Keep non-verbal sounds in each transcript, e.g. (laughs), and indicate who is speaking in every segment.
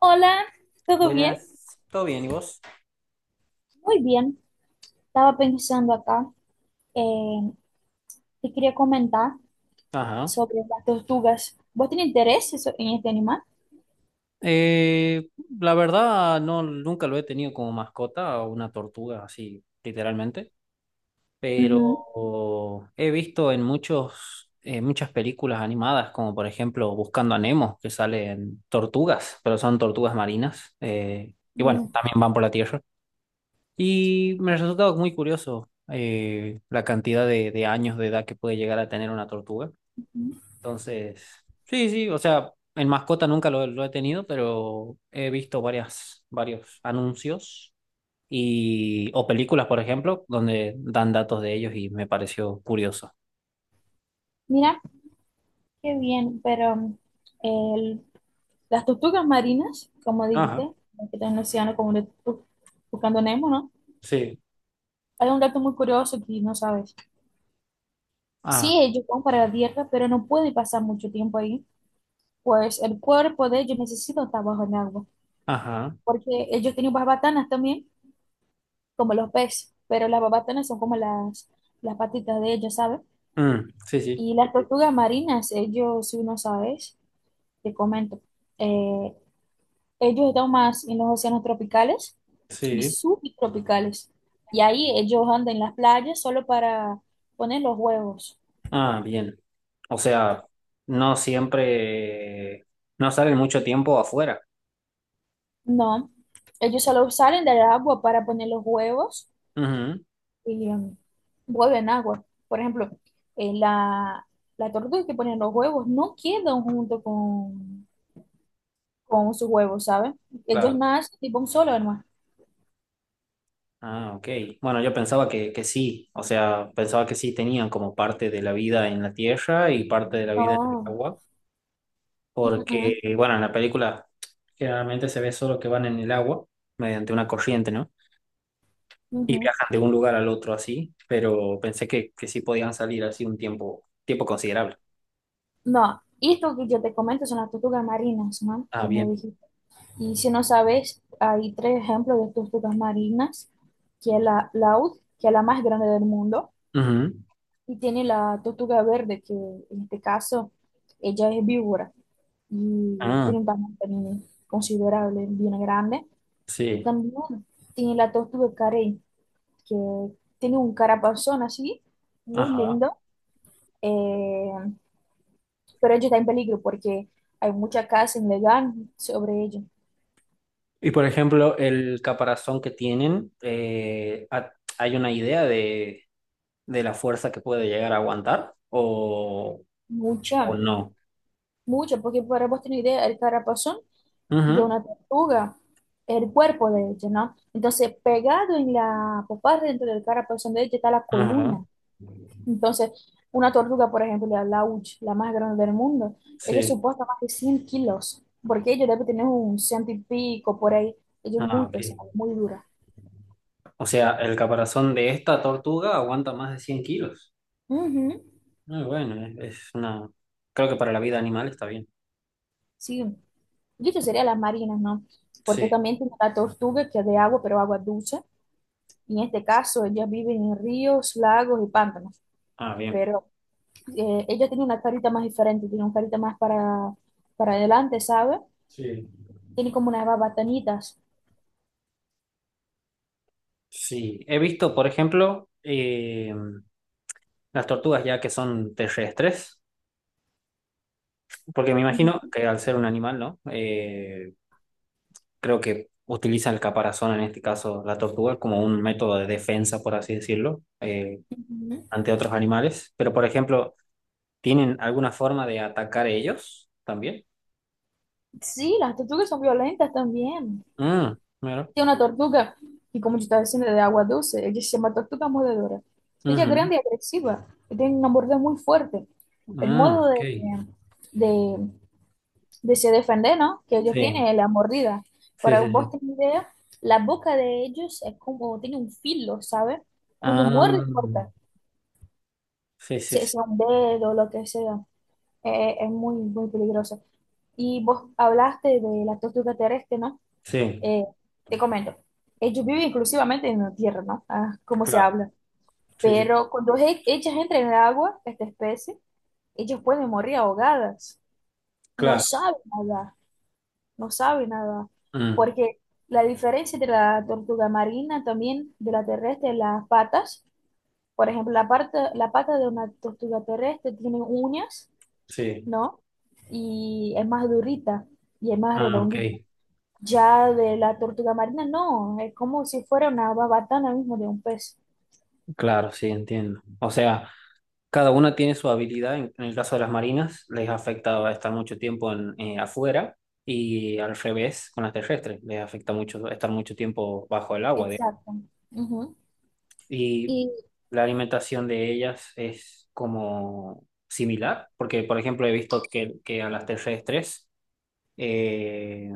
Speaker 1: Hola, ¿todo bien?
Speaker 2: Buenas, ¿todo bien? ¿Y vos?
Speaker 1: Muy bien. Estaba pensando acá, eh, te quería comentar
Speaker 2: Ajá.
Speaker 1: sobre las tortugas. ¿Vos tenés interés en este animal?
Speaker 2: Eh, la verdad, no, nunca lo he tenido como mascota, una tortuga así, literalmente, pero
Speaker 1: Ujú.
Speaker 2: he visto en muchas películas animadas, como por ejemplo Buscando a Nemo, que salen tortugas, pero son tortugas marinas, y bueno,
Speaker 1: Bien.
Speaker 2: también van por la tierra. Y me resultaba muy curioso la cantidad de años de edad que puede llegar a tener una tortuga. Entonces, sí, sí, o sea, en mascota nunca lo he tenido, pero he visto varios anuncios o películas, por ejemplo, donde dan datos de ellos y me pareció curioso.
Speaker 1: Mira, qué bien, pero el- las tortugas marinas, como
Speaker 2: Ajá,
Speaker 1: dijiste, que están en el océano como buscando Nemo, ¿no?
Speaker 2: sí,
Speaker 1: Hay un dato muy curioso que no sabes.
Speaker 2: ah,
Speaker 1: Sí, ellos van para la tierra, pero no pueden pasar mucho tiempo ahí, pues el cuerpo de ellos necesita estar bajo el agua.
Speaker 2: ajá,
Speaker 1: Porque ellos tienen babatanas también, como los peces, pero las babatanas son como las patitas de ellos, ¿sabes?
Speaker 2: mm, sí, sí,
Speaker 1: Y las tortugas marinas, ellos, si no sabes, te comento, eh, ellos están más en los océanos tropicales y
Speaker 2: sí,
Speaker 1: subtropicales. Y ahí ellos andan en las playas solo para poner los huevos.
Speaker 2: ah, bien. O sea, no siempre, no salen mucho tiempo afuera.
Speaker 1: No, ellos solo salen del agua para poner los huevos.
Speaker 2: Ujú,
Speaker 1: Y, huevo agua. Por ejemplo, eh, la, la tortuga que ponen los huevos no quedan junto con sus huevos, ¿sabes? Ellos
Speaker 2: claro.
Speaker 1: nacen tipo un solo, hermano.
Speaker 2: Ah, ok. Bueno, yo pensaba que sí, o sea, pensaba que sí tenían como parte de la vida en la tierra y parte de la vida en el
Speaker 1: No,
Speaker 2: agua,
Speaker 1: mm,
Speaker 2: porque,
Speaker 1: mm,
Speaker 2: bueno, en la película generalmente se ve solo que van en el agua mediante una corriente, ¿no? Y
Speaker 1: ujú.
Speaker 2: viajan de un lugar al otro así, pero pensé que sí podían salir así un tiempo considerable.
Speaker 1: No, esto que yo te comento son las tortugas marinas, ¿no?
Speaker 2: Ah,
Speaker 1: Que me
Speaker 2: bien.
Speaker 1: dijiste. Y si no sabes, hay tres ejemplos de tortugas marinas, que es la laúd, que es la más grande del mundo,
Speaker 2: Ujú.
Speaker 1: y tiene la tortuga verde, que en este caso ella es víbora. Y
Speaker 2: Ah,
Speaker 1: tiene un tamaño también considerable, bien grande. Y
Speaker 2: sí.
Speaker 1: también tiene la tortuga carey, que tiene un carapazón así, muy
Speaker 2: Ajá.
Speaker 1: lindo, eh, pero ella está en peligro porque hay mucha caza ilegal sobre ella.
Speaker 2: Y por ejemplo, el caparazón que tienen, ¿hay una idea de la fuerza que puede llegar a aguantar o
Speaker 1: Mucha,
Speaker 2: no?
Speaker 1: mucha, porque para vos tener idea, el carapazón de
Speaker 2: Ujú,
Speaker 1: una tortuga, el cuerpo de ella, ¿no? Entonces, pegado en la popa dentro del carapazón de ella está la
Speaker 2: ajá,
Speaker 1: columna. Entonces, una tortuga, por ejemplo, la lauch, la más grande del mundo, ella
Speaker 2: sí.
Speaker 1: soporta más de 100 kilos, porque ella debe tener un ciento y pico por ahí. Ella es
Speaker 2: Ah,
Speaker 1: muy
Speaker 2: ok.
Speaker 1: pesada, muy dura.
Speaker 2: O sea, el caparazón de esta tortuga aguanta más de 100 kilos.
Speaker 1: Ujú.
Speaker 2: Muy bueno, es una. Creo que para la vida animal está bien.
Speaker 1: Sí, y esto sería las marinas, ¿no? Porque
Speaker 2: Sí.
Speaker 1: también tiene la tortuga que es de agua, pero agua dulce. Y en este caso, ellas viven en ríos, lagos y pantanos.
Speaker 2: Ah, bien.
Speaker 1: Pero ella tiene una carita más diferente, tiene una carita más para adelante, ¿sabe?
Speaker 2: Sí.
Speaker 1: Tiene como unas babanitas.
Speaker 2: Sí. He visto, por ejemplo, las tortugas ya que son terrestres, porque me
Speaker 1: Ujú,
Speaker 2: imagino que al ser un animal, ¿no? Creo que utiliza el caparazón, en este caso la tortuga, como un método de defensa, por así decirlo,
Speaker 1: ujú.
Speaker 2: ante otros animales. Pero, por ejemplo, ¿tienen alguna forma de atacar ellos también?
Speaker 1: Sí, las tortugas son violentas también.
Speaker 2: Mm, mira.
Speaker 1: Tiene una tortuga, y como yo estaba diciendo, de agua dulce, ella se llama tortuga mordedora. Ella es
Speaker 2: Ujú.
Speaker 1: grande y agresiva, y tiene una mordida muy fuerte. El
Speaker 2: Ah,
Speaker 1: modo
Speaker 2: ok.
Speaker 1: de, de se defender, ¿no? Que ella tiene
Speaker 2: Sí,
Speaker 1: es la mordida.
Speaker 2: sí,
Speaker 1: Para
Speaker 2: sí,
Speaker 1: vos
Speaker 2: sí.
Speaker 1: tener idea, la boca de ellos es como, tiene un filo, ¿sabes? Cuando
Speaker 2: Ah,
Speaker 1: muerde, corta,
Speaker 2: sí, sí, sí.
Speaker 1: sea un dedo, lo que sea. Es muy, muy peligroso. Y vos hablaste de la tortuga terrestre, ¿no?
Speaker 2: Sí,
Speaker 1: Eh, Te comento, ellos viven exclusivamente en la tierra, ¿no? Ah, como se
Speaker 2: claro.
Speaker 1: habla.
Speaker 2: Sí, sí,
Speaker 1: Pero cuando ellas entran en el agua, esta especie, ellas pueden morir ahogadas. No
Speaker 2: claro.
Speaker 1: saben nada, no saben nada.
Speaker 2: Mm,
Speaker 1: Porque la diferencia de la tortuga marina también de la terrestre, las patas, por ejemplo, la parte, la pata de una tortuga terrestre tiene uñas,
Speaker 2: sí.
Speaker 1: ¿no? Y es más durita y es más
Speaker 2: Ah, ok.
Speaker 1: redondita. Ya de la tortuga marina, no, es como si fuera una babatana mismo de un pez.
Speaker 2: Claro, sí, entiendo. O sea. Cada una tiene su habilidad. En el caso de las marinas, les afecta estar mucho tiempo en, afuera y al revés con las terrestres, les afecta mucho estar mucho tiempo bajo el agua.
Speaker 1: Exacto. Ujú.
Speaker 2: Y
Speaker 1: Y
Speaker 2: la alimentación de ellas es como similar, porque por ejemplo he visto que a las terrestres eh,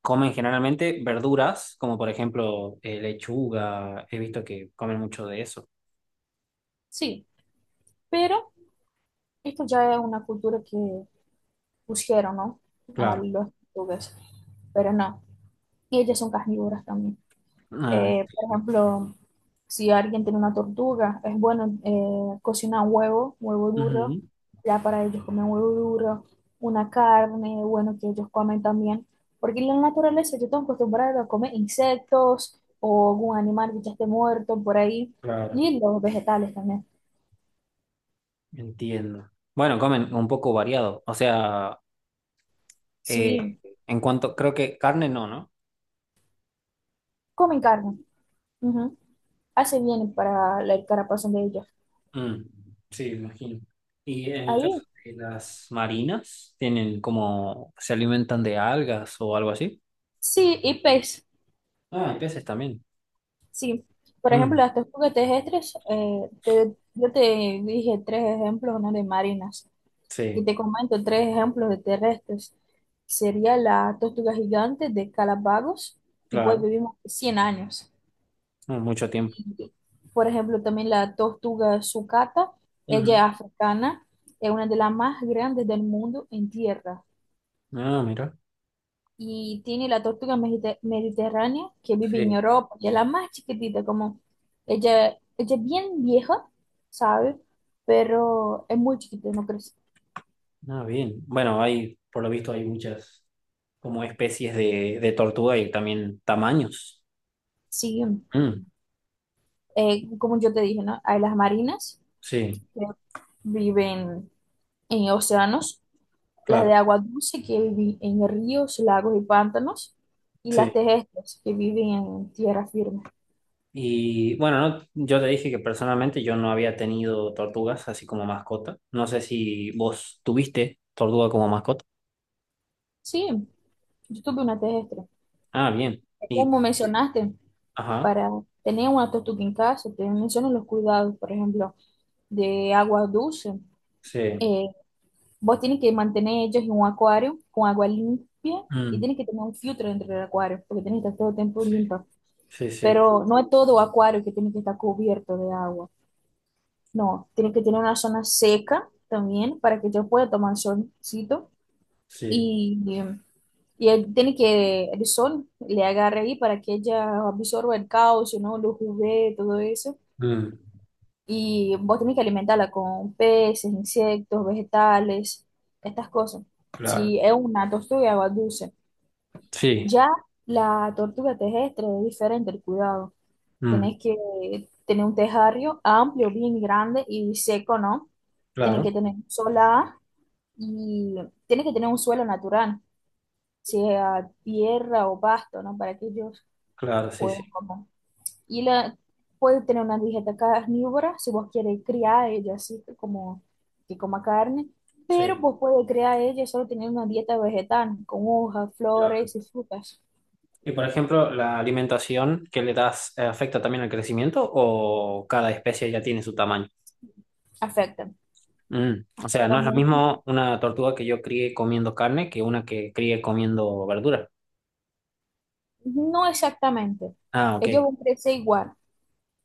Speaker 2: comen generalmente verduras, como por ejemplo lechuga, he visto que comen mucho de eso.
Speaker 1: sí, pero esto ya es una cultura que pusieron, ¿no? A
Speaker 2: Claro.
Speaker 1: los tortugas, pero no, ellas son carnívoras también.
Speaker 2: Ah,
Speaker 1: Por
Speaker 2: entiendo.
Speaker 1: ejemplo, si alguien tiene una tortuga, es bueno cocinar un huevo, huevo duro,
Speaker 2: Ujú,
Speaker 1: ya para ellos comer huevo duro, una carne, bueno, que ellos comen también, porque en la naturaleza yo estoy acostumbrado a comer insectos o algún animal que ya esté muerto por ahí,
Speaker 2: claro.
Speaker 1: y los vegetales también.
Speaker 2: Entiendo. Bueno, comen un poco variado. O sea, eh,
Speaker 1: Sí,
Speaker 2: en cuanto, creo que carne no, ¿no?
Speaker 1: comen carne, ujú. Hace bien para la carapazo de ellos.
Speaker 2: Mm, sí, me imagino. Y en el caso
Speaker 1: Ahí,
Speaker 2: de las marinas, tienen como, se alimentan de algas o algo así.
Speaker 1: sí, y pez.
Speaker 2: Ah, y peces también.
Speaker 1: Sí, por ejemplo,
Speaker 2: Mm,
Speaker 1: las tortugas terrestres, yo te dije tres ejemplos, ¿no? De marinas, y
Speaker 2: sí,
Speaker 1: te comento tres ejemplos de terrestres. Sería la tortuga gigante de Galápagos, que puede
Speaker 2: claro.
Speaker 1: vivir 100 años.
Speaker 2: No, mucho tiempo.
Speaker 1: Y, por ejemplo, también la tortuga sucata, ella
Speaker 2: Ujú.
Speaker 1: es africana, es una de las más grandes del mundo en tierra.
Speaker 2: Ah, mira.
Speaker 1: Y tiene la tortuga mediterránea que vive en
Speaker 2: Sí.
Speaker 1: Europa, que es la más chiquitita, como ella, ella es bien vieja, ¿sabes? Pero es muy chiquita, no crece.
Speaker 2: Ah, bien. Bueno, hay, por lo visto, hay muchas como especies de tortuga y también tamaños.
Speaker 1: Sí,
Speaker 2: Mm,
Speaker 1: como yo te dije, ¿no? Hay las marinas
Speaker 2: sí,
Speaker 1: que viven en océanos, las de
Speaker 2: claro.
Speaker 1: agua dulce que viven en ríos, lagos y pantanos, y las
Speaker 2: Sí.
Speaker 1: terrestres que viven en tierra firme.
Speaker 2: Y bueno, no, yo te dije que personalmente yo no había tenido tortugas así como mascota. No sé si vos tuviste tortuga como mascota.
Speaker 1: Sí, yo tuve una terrestre.
Speaker 2: Ah, bien. Y,
Speaker 1: Como mencionaste,
Speaker 2: ajá,
Speaker 1: para tener una tortuga en casa, te menciono los cuidados, por ejemplo, de agua dulce.
Speaker 2: sí.
Speaker 1: Eh, Vos tienes que mantener ellos en un acuario con agua limpia y
Speaker 2: Mm,
Speaker 1: tienes que tener un filtro dentro del acuario porque tienes que estar todo el tiempo limpio.
Speaker 2: sí, sí,
Speaker 1: Pero no es todo acuario que tiene que estar cubierto de agua. No, tiene que tener una zona seca también para que ellos pueda tomar solcito
Speaker 2: sí.
Speaker 1: y, y él tiene que el sol le agarre ahí para que ella absorba el calcio, ¿no? Los UV, todo eso
Speaker 2: Mm,
Speaker 1: y vos tenés que alimentarla con peces, insectos, vegetales, estas cosas.
Speaker 2: claro.
Speaker 1: Si es una tortuga de agua dulce,
Speaker 2: Sí,
Speaker 1: ya la tortuga terrestre es diferente el cuidado.
Speaker 2: mm,
Speaker 1: Tenés que tener un tejario amplio, bien grande y seco, ¿no? Tienes que
Speaker 2: claro,
Speaker 1: tener solar y tienes que tener un suelo natural, sea tierra o pasto, ¿no? Para que ellos
Speaker 2: claro, sí, sí,
Speaker 1: puedan comer. Y la, puede tener una dieta carnívora si vos quieres criar a ella así como que coma carne, pero
Speaker 2: sí,
Speaker 1: vos puedes criar a ella solo teniendo una dieta vegetal con hojas,
Speaker 2: claro.
Speaker 1: flores y frutas.
Speaker 2: Y por ejemplo, ¿la alimentación que le das afecta también al crecimiento o cada especie ya tiene su tamaño?
Speaker 1: Afecta,
Speaker 2: Mm. O sea,
Speaker 1: afecta
Speaker 2: no es lo
Speaker 1: mucho.
Speaker 2: mismo una tortuga que yo críe comiendo carne que una que críe comiendo verdura.
Speaker 1: No exactamente.
Speaker 2: Ah,
Speaker 1: Ellos
Speaker 2: ok.
Speaker 1: van a crecer igual.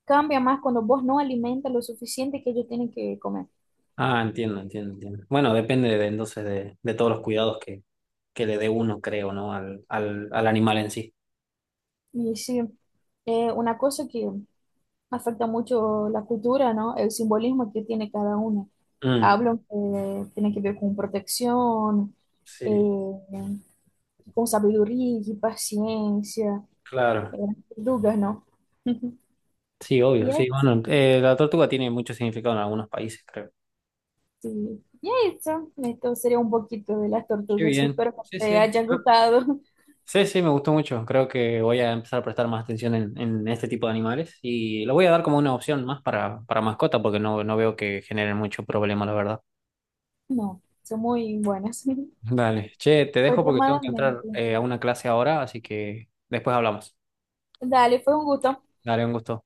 Speaker 1: Cambia más cuando vos no alimentas lo suficiente que ellos tienen que comer.
Speaker 2: Ah, entiendo, entiendo, entiendo. Bueno, depende de, entonces de todos los cuidados que le dé uno, creo, ¿no? Al animal en sí.
Speaker 1: Y sí, una cosa que afecta mucho la cultura, ¿no? El simbolismo que tiene cada una.
Speaker 2: Mm.
Speaker 1: Hablan que tiene que ver con protección, eh,
Speaker 2: Sí,
Speaker 1: con sabiduría y paciencia, eh,
Speaker 2: claro.
Speaker 1: tortugas, ¿no? (laughs)
Speaker 2: Sí,
Speaker 1: Y
Speaker 2: obvio. Sí,
Speaker 1: es-
Speaker 2: bueno, la tortuga tiene mucho significado en algunos países, creo.
Speaker 1: sí, y eso, esto sería un poquito de las
Speaker 2: Qué
Speaker 1: tortugas.
Speaker 2: bien.
Speaker 1: Espero que
Speaker 2: Sí,
Speaker 1: te
Speaker 2: sí.
Speaker 1: haya
Speaker 2: Creo
Speaker 1: gustado. (laughs)
Speaker 2: Sí, sí, me gustó mucho. Creo que voy a empezar a prestar más atención en este tipo de animales y lo voy a dar como una opción más para mascota porque no veo que generen mucho problema, la verdad.
Speaker 1: No, son muy buenas. (laughs)
Speaker 2: Dale, che, te
Speaker 1: Fue
Speaker 2: dejo porque tengo que entrar
Speaker 1: extremadamente.
Speaker 2: a una clase ahora, así que después hablamos.
Speaker 1: Dale, fue un gusto.
Speaker 2: Dale, un gusto.